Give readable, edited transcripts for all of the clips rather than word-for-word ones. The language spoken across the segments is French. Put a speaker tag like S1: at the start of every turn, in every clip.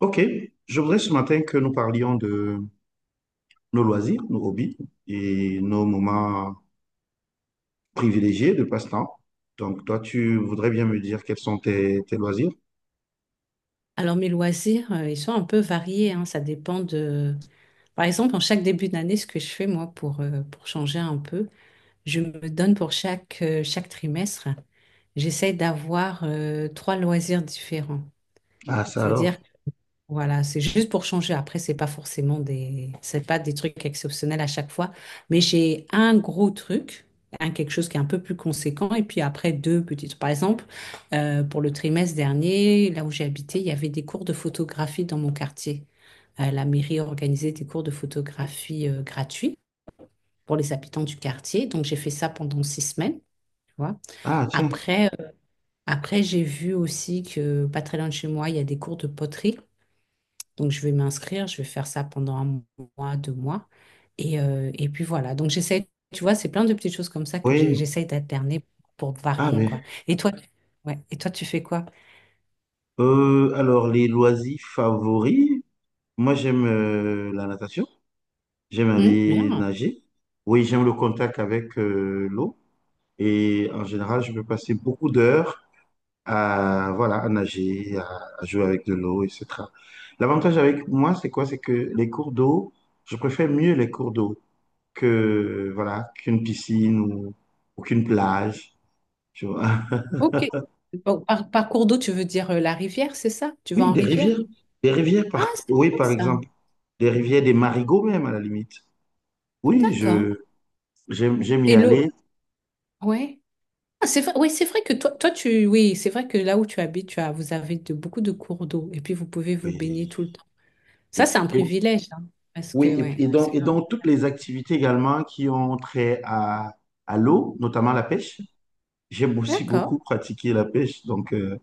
S1: Ok, je voudrais ce matin que nous parlions de nos loisirs, nos hobbies et nos moments privilégiés de passe-temps. Donc, toi, tu voudrais bien me dire quels sont tes loisirs?
S2: Alors mes loisirs, ils sont un peu variés, hein, ça dépend Par exemple, en chaque début d'année, ce que je fais moi pour changer un peu, je me donne pour chaque trimestre, j'essaie d'avoir trois loisirs différents.
S1: Ah, ça alors.
S2: C'est-à-dire voilà, c'est juste pour changer. Après, c'est pas forcément des, c'est pas des trucs exceptionnels à chaque fois. Mais j'ai un gros truc, un quelque chose qui est un peu plus conséquent, et puis après deux petites. Par exemple, pour le trimestre dernier, là où j'ai habité, il y avait des cours de photographie dans mon quartier. La mairie organisait des cours de photographie gratuits pour les habitants du quartier. Donc j'ai fait ça pendant 6 semaines. Tu vois.
S1: Ah, tiens.
S2: Après, euh, après j'ai vu aussi que pas très loin de chez moi, il y a des cours de poterie. Donc, je vais m'inscrire, je vais faire ça pendant un mois, 2 mois. Et puis voilà. Donc, j'essaie, tu vois, c'est plein de petites choses comme ça que
S1: Oui.
S2: j'essaie d'alterner pour
S1: Ah,
S2: varier,
S1: mais.
S2: quoi. Et toi, ouais. Et toi, tu fais quoi?
S1: Alors, les loisirs favoris, moi, j'aime la natation. J'aime
S2: Hmm,
S1: aller
S2: bien.
S1: nager. Oui, j'aime le contact avec l'eau. Et en général, je peux passer beaucoup d'heures à, voilà, à nager, à jouer avec de l'eau, etc. L'avantage avec moi, c'est quoi? C'est que les cours d'eau, je préfère mieux les cours d'eau que, voilà, qu'une piscine ou qu'une plage, tu vois.
S2: Ok. Bon, par cours d'eau, tu veux dire la rivière, c'est ça? Tu vas
S1: Oui,
S2: en
S1: des
S2: rivière?
S1: rivières. Des rivières,
S2: Ah, c'est
S1: oui,
S2: bien
S1: par
S2: ça.
S1: exemple. Des rivières, des marigots même, à la limite. Oui,
S2: D'accord.
S1: j'aime y
S2: Et l'eau,
S1: aller.
S2: ouais. Ah, c'est vrai, ouais, c'est vrai que toi, toi, tu, oui, c'est vrai que là où tu habites, tu as, vous avez beaucoup de cours d'eau et puis vous pouvez vous baigner
S1: Oui,
S2: tout le temps. Ça,
S1: et,
S2: c'est un
S1: et-
S2: privilège, hein, parce que, ouais, c'est
S1: et
S2: vraiment
S1: donc toutes
S2: bien.
S1: les activités également qui ont trait à l'eau, notamment la pêche. J'ai aussi
S2: D'accord.
S1: beaucoup pratiqué la pêche, donc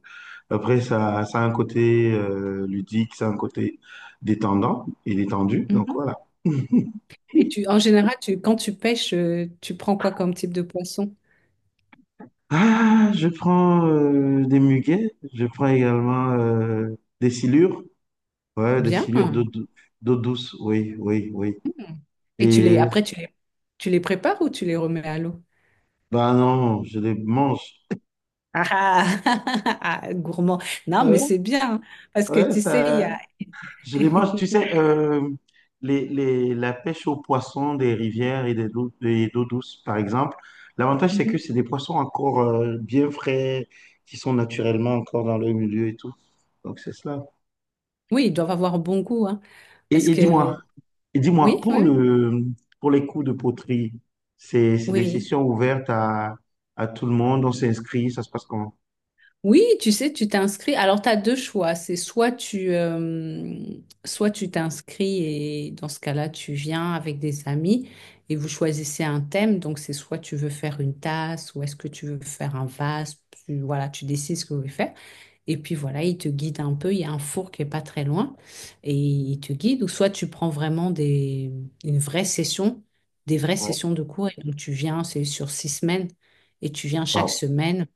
S1: après ça, ça a un côté ludique, ça a un côté détendant et détendu, donc
S2: Mhm.
S1: voilà.
S2: Et tu, en général, tu, quand tu pêches, tu prends quoi comme type de poisson?
S1: Ah, je prends des muguets, je prends également des silures, ouais, des
S2: Bien.
S1: silures d'eau douce, oui, oui, oui.
S2: Et tu les,
S1: Et
S2: après, tu les prépares ou tu les remets à l'eau?
S1: bah non, je les mange.
S2: Ah, ah, ah, gourmand. Non, mais
S1: Ouais,
S2: c'est bien, hein, parce que
S1: ouais,
S2: tu sais, il
S1: ça.
S2: y a...
S1: Je les mange, tu sais, la pêche aux poissons des rivières et des eaux, douces, par exemple, l'avantage, c'est que
S2: Mhm.
S1: c'est des poissons encore bien frais, qui sont naturellement encore dans le milieu et tout. Donc, c'est cela.
S2: Oui, ils doivent avoir bon goût, hein, parce
S1: Et
S2: que...
S1: dis-moi, et dis-moi,
S2: Oui,
S1: pour
S2: oui, oui.
S1: le, pour les cours de poterie, c'est des
S2: Oui.
S1: sessions ouvertes à tout le monde, on s'inscrit, ça se passe comment?
S2: Oui, tu sais, tu t'inscris. Alors, tu as deux choix. C'est soit tu t'inscris et dans ce cas-là, tu viens avec des amis et vous choisissez un thème. Donc, c'est soit tu veux faire une tasse ou est-ce que tu veux faire un vase. Voilà, tu décides ce que vous voulez faire. Et puis, voilà, il te guide un peu. Il y a un four qui est pas très loin et il te guide. Ou soit tu prends vraiment des, une vraie session, des vraies
S1: Ouais.
S2: sessions de cours. Et donc, tu viens, c'est sur 6 semaines et tu viens chaque
S1: Wow.
S2: semaine.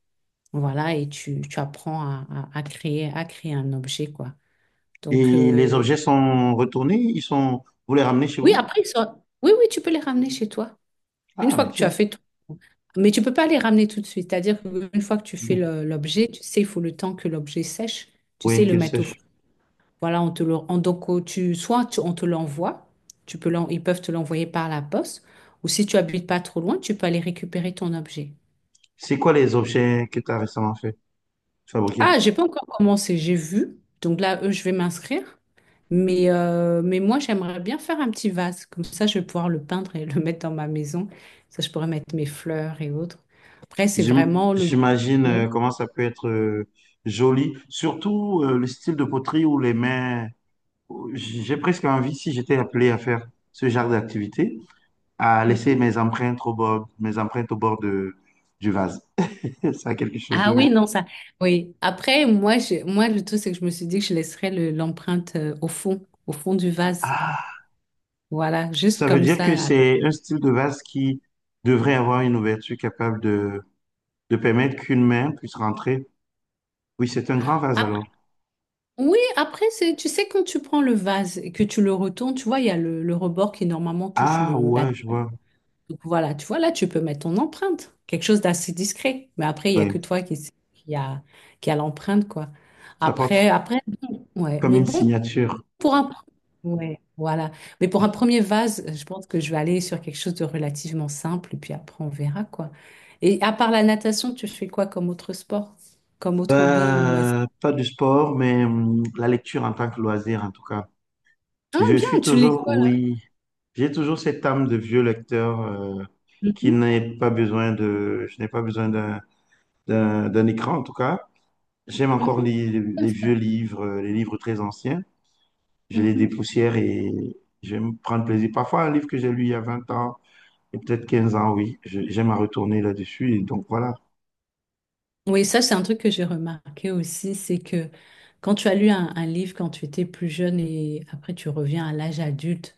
S2: Voilà, et tu apprends à, à créer un objet, quoi. Donc,
S1: Et les objets sont retournés, vous les ramenez chez
S2: oui,
S1: vous?
S2: après, oui, oui, tu peux les ramener chez toi, une
S1: Ah,
S2: fois
S1: mais
S2: que tu as
S1: tiens,
S2: fait tout. Mais tu peux pas les ramener tout de suite. C'est-à-dire qu'une fois que tu fais l'objet, tu sais, il faut le temps que l'objet sèche. Tu sais,
S1: oui,
S2: le
S1: qu'ils
S2: mettre au four.
S1: sèchent.
S2: Voilà, on te le, donc, on te l'envoie, tu peux ils peuvent te l'envoyer par la poste, ou si tu habites pas trop loin, tu peux aller récupérer ton objet.
S1: C'est quoi les objets que tu as récemment fabriqués?
S2: Ah, j'ai pas encore commencé, j'ai vu. Donc là, eux, je vais m'inscrire. Mais moi, j'aimerais bien faire un petit vase. Comme ça, je vais pouvoir le peindre et le mettre dans ma maison. Ça, je pourrais mettre mes fleurs et autres. Après, c'est
S1: J'im-
S2: vraiment le...
S1: J'imagine
S2: Ouais.
S1: comment ça peut être joli, surtout le style de poterie ou les mains. J'ai presque envie, si j'étais appelé à faire ce genre d'activité, à laisser
S2: Mhm.
S1: mes empreintes au bord du vase. Ça a quelque chose
S2: Ah
S1: de.
S2: oui, non, ça. Oui. Après, moi, moi, le truc, c'est que je me suis dit que je laisserais l'empreinte au fond du vase.
S1: Ah,
S2: Voilà, juste
S1: ça veut
S2: comme
S1: dire que
S2: ça.
S1: c'est un style de vase qui devrait avoir une ouverture capable de permettre qu'une main puisse rentrer. Oui, c'est un grand vase
S2: Après-
S1: alors.
S2: oui, après, c'est, tu sais, quand tu prends le vase et que tu le retournes, tu vois, il y a le rebord qui normalement touche
S1: Ah
S2: le, la.
S1: ouais, je vois.
S2: Donc voilà, tu vois, là, tu peux mettre ton empreinte, quelque chose d'assez discret. Mais après, il n'y a
S1: Ouais.
S2: que toi qui a, qui a l'empreinte, quoi.
S1: Ça
S2: Après,
S1: porte
S2: après, ouais.
S1: comme
S2: Mais
S1: une
S2: bon,
S1: signature.
S2: pour un... Ouais, voilà. Mais pour un premier vase, je pense que je vais aller sur quelque chose de relativement simple, et puis après, on verra, quoi. Et à part la natation, tu fais quoi comme autre sport? Comme autre hobby ou loisir?
S1: Pas du sport, mais la lecture en tant que loisir, en tout cas.
S2: Ah,
S1: Je
S2: bien,
S1: suis
S2: tu lis
S1: toujours,
S2: quoi, là?
S1: oui, j'ai toujours cette âme de vieux lecteur qui
S2: Mhm,
S1: n'est pas besoin de, je n'ai pas besoin d'un écran, en tout cas. J'aime encore
S2: mhm,
S1: les vieux livres, les livres très anciens. Je les
S2: mhm.
S1: dépoussière et j'aime prendre plaisir. Parfois, un livre que j'ai lu il y a 20 ans et peut-être 15 ans, oui, j'aime à retourner là-dessus. Et donc, voilà.
S2: Oui, ça, c'est un truc que j'ai remarqué aussi, c'est que quand tu as lu un livre quand tu étais plus jeune et après tu reviens à l'âge adulte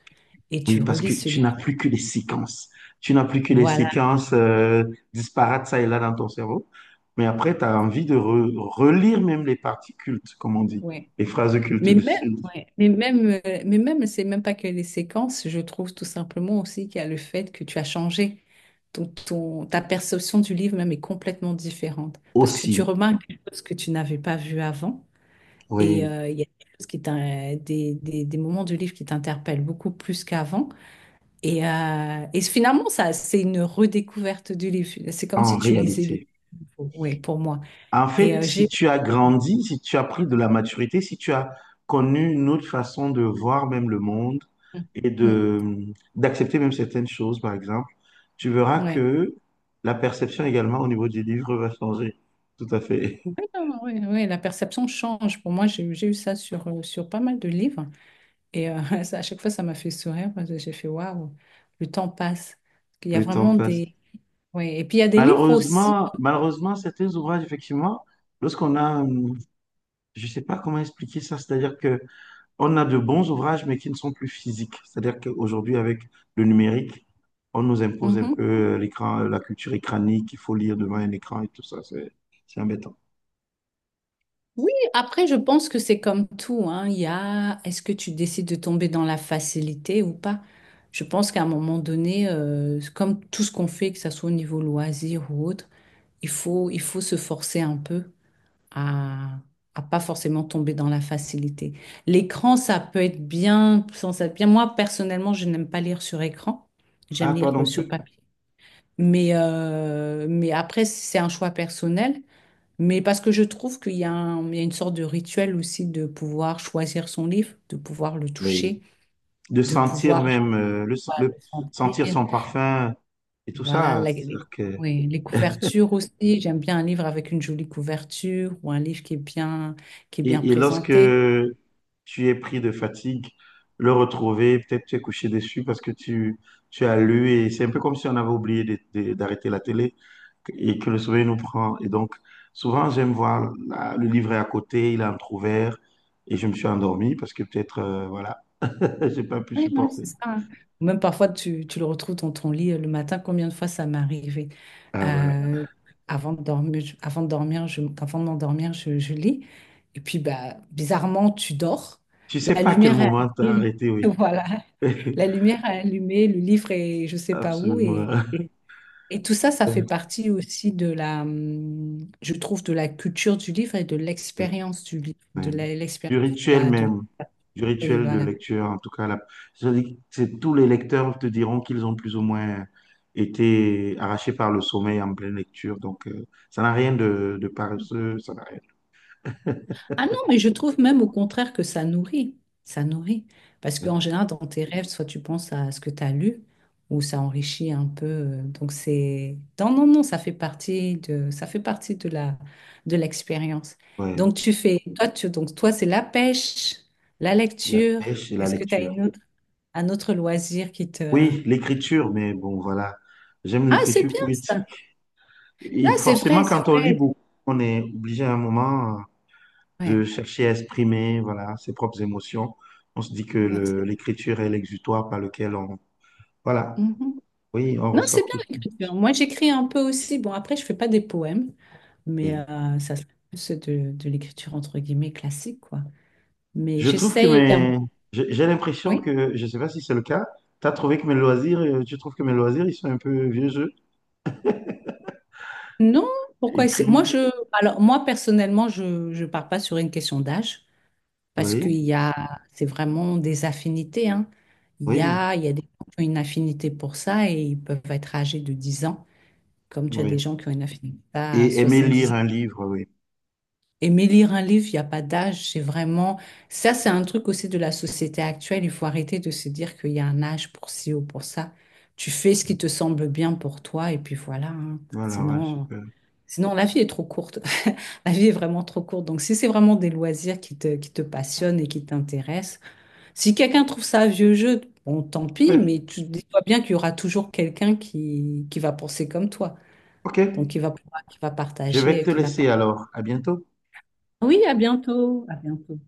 S2: et tu
S1: Oui, parce
S2: relis
S1: que
S2: ce
S1: tu
S2: livre,
S1: n'as plus que les séquences. Tu n'as plus que les
S2: voilà.
S1: séquences disparates, ça et là, dans ton cerveau. Mais après, tu as envie de relire même les parties cultes, comme on dit,
S2: Ouais.
S1: les phrases cultes
S2: Mais
S1: de
S2: même,
S1: ce livre.
S2: ouais, c'est même pas que les séquences, je trouve tout simplement aussi qu'il y a le fait que tu as changé. Donc, ton, ta perception du livre même est complètement différente parce que tu
S1: Aussi,
S2: remarques des choses que tu n'avais pas vues avant et
S1: oui,
S2: il y a des choses qui des moments du livre qui t'interpellent beaucoup plus qu'avant. Et finalement, ça, c'est une redécouverte du livre. C'est comme
S1: en
S2: si tu lisais le
S1: réalité.
S2: livre, ouais, pour moi.
S1: En
S2: Et
S1: fait, si
S2: j'ai...
S1: tu as
S2: Ouais.
S1: grandi, si tu as pris de la maturité, si tu as connu une autre façon de voir même le monde
S2: Mm,
S1: et
S2: mm,
S1: de d'accepter même certaines choses, par exemple, tu verras
S2: ouais.
S1: que la perception également au niveau des livres va changer. Tout à fait.
S2: Ouais, non, non, ouais, ouais, la perception change. Pour moi, j'ai eu ça sur pas mal de livres. Et ça, à chaque fois, ça m'a fait sourire parce que j'ai fait, waouh, le temps passe. Il y a
S1: Le temps
S2: vraiment
S1: passe.
S2: des... Ouais. Et puis, il y a des livres aussi.
S1: Malheureusement, certains ouvrages, effectivement, lorsqu'on a, je ne sais pas comment expliquer ça, c'est-à-dire que on a de bons ouvrages, mais qui ne sont plus physiques. C'est-à-dire qu'aujourd'hui, avec le numérique, on nous impose
S2: Hum,
S1: un peu
S2: hum.
S1: l'écran, la culture écranique, il faut lire devant un écran et tout ça, c'est embêtant.
S2: Oui, après, je pense que c'est comme tout, hein. Il y a, est-ce que tu décides de tomber dans la facilité ou pas? Je pense qu'à un moment donné, comme tout ce qu'on fait, que ça soit au niveau loisir ou autre, il faut se forcer un peu à, à pas forcément tomber dans la facilité. L'écran, ça peut être bien, sans être bien. Moi, personnellement, je n'aime pas lire sur écran. J'aime
S1: Ah, toi
S2: lire
S1: non
S2: sur
S1: plus?
S2: papier. Mais après, c'est un choix personnel. Mais parce que je trouve qu'il y a il y a une sorte de rituel aussi de pouvoir choisir son livre, de pouvoir le
S1: Oui.
S2: toucher,
S1: De
S2: de
S1: sentir
S2: pouvoir, je sais
S1: même,
S2: pas, le
S1: sentir
S2: sentir.
S1: son parfum et tout
S2: Voilà,
S1: ça,
S2: les,
S1: c'est-à-dire que.
S2: oui, les couvertures aussi. J'aime bien un livre avec une jolie couverture ou un livre qui est bien
S1: Et lorsque
S2: présenté.
S1: tu es pris de fatigue, le retrouver, peut-être tu es couché dessus parce que tu as lu et c'est un peu comme si on avait oublié d'arrêter la télé et que le sommeil nous prend. Et donc, souvent, j'aime voir le livre est à côté, il est entrouvert et je me suis endormi parce que peut-être, voilà, j'ai pas pu
S2: Oui, non, c'est
S1: supporter.
S2: ça, hein. Même parfois, tu le retrouves dans ton lit le matin. Combien de fois ça m'est arrivé?
S1: Ah, voilà.
S2: Euh, avant de dormir, avant de dormir, je, avant de m'endormir, je lis. Et puis, bah, bizarrement, tu dors.
S1: Tu sais
S2: La
S1: pas à quel
S2: lumière est
S1: moment t'as
S2: allumée.
S1: arrêté, oui.
S2: Voilà. La lumière est allumée, le livre est je sais pas où. Et,
S1: Absolument.
S2: et, et tout ça, ça fait partie aussi de la, je trouve, de la culture du livre et de l'expérience du livre, de
S1: Ouais.
S2: la-
S1: Du
S2: l'expérience de
S1: rituel
S2: la,
S1: même, du
S2: oui,
S1: rituel de
S2: voilà.
S1: lecture, en tout cas. C'est-à-dire que tous les lecteurs te diront qu'ils ont plus ou moins été arrachés par le sommeil en pleine lecture. Donc, ça n'a rien de paresseux, ça n'a rien.
S2: Ah non, mais je trouve même au contraire que ça nourrit. Ça nourrit. Parce
S1: de-
S2: qu'en général, dans tes rêves, soit tu penses à ce que tu as lu, ou ça enrichit un peu. Donc c'est... Non, non, non, ça fait partie de, ça fait partie de la, de l'expérience.
S1: Ouais,
S2: Donc tu fais... Toi, tu... Donc, toi, c'est la pêche, la
S1: la
S2: lecture.
S1: pêche et la
S2: Est-ce que tu as
S1: lecture.
S2: une autre... un autre loisir qui te...
S1: Oui, l'écriture, mais bon, voilà. J'aime
S2: Ah, c'est
S1: l'écriture
S2: bien ça.
S1: poétique.
S2: Ah,
S1: Et
S2: c'est
S1: forcément,
S2: vrai, c'est
S1: quand on lit
S2: vrai.
S1: beaucoup, on est obligé à un moment de
S2: Ouais.
S1: chercher à exprimer, voilà, ses propres émotions. On se dit que
S2: Non, c'est.
S1: l'écriture est l'exutoire par lequel on, voilà.
S2: Mhm.
S1: Oui, on
S2: Non, c'est
S1: ressort
S2: bien
S1: tous.
S2: l'écriture. Moi, j'écris un peu aussi. Bon, après, je fais pas des poèmes. Mais
S1: Oui.
S2: ça se plus de, l'écriture entre guillemets classique, quoi. Mais
S1: Je trouve que
S2: j'essaye.
S1: mes. J'ai l'impression
S2: Oui?
S1: que, je ne sais pas si c'est le cas, tu trouves que mes loisirs, ils sont un peu vieux jeu.
S2: Non? Pourquoi essayer? Moi,
S1: Écrire,
S2: je, alors, moi, personnellement, je ne pars pas sur une question d'âge parce qu'il
S1: oui,
S2: y a, c'est vraiment des affinités, hein. Il y
S1: oui,
S2: a, il y a des gens qui ont une affinité pour ça et ils peuvent être âgés de 10 ans, comme tu as des
S1: oui.
S2: gens qui ont une affinité à
S1: Et aimer
S2: 70.
S1: lire un livre, oui.
S2: Aimer lire un livre, il n'y a pas d'âge, c'est vraiment... Ça, c'est un truc aussi de la société actuelle. Il faut arrêter de se dire qu'il y a un âge pour ci ou pour ça. Tu fais ce qui te semble bien pour toi et puis voilà, hein.
S1: Voilà, ouais,
S2: Sinon,
S1: super.
S2: sinon, la vie est trop courte. La vie est vraiment trop courte. Donc, si c'est vraiment des loisirs qui te passionnent et qui t'intéressent, si quelqu'un trouve ça un vieux jeu, bon, tant pis,
S1: Ouais,
S2: mais tu dis-toi bien qu'il y aura toujours quelqu'un qui va penser comme toi.
S1: ok.
S2: Donc, qui va, qui va
S1: Je vais
S2: partager,
S1: te
S2: qui va
S1: laisser
S2: partager.
S1: alors. À bientôt.
S2: Oui, à bientôt. À bientôt.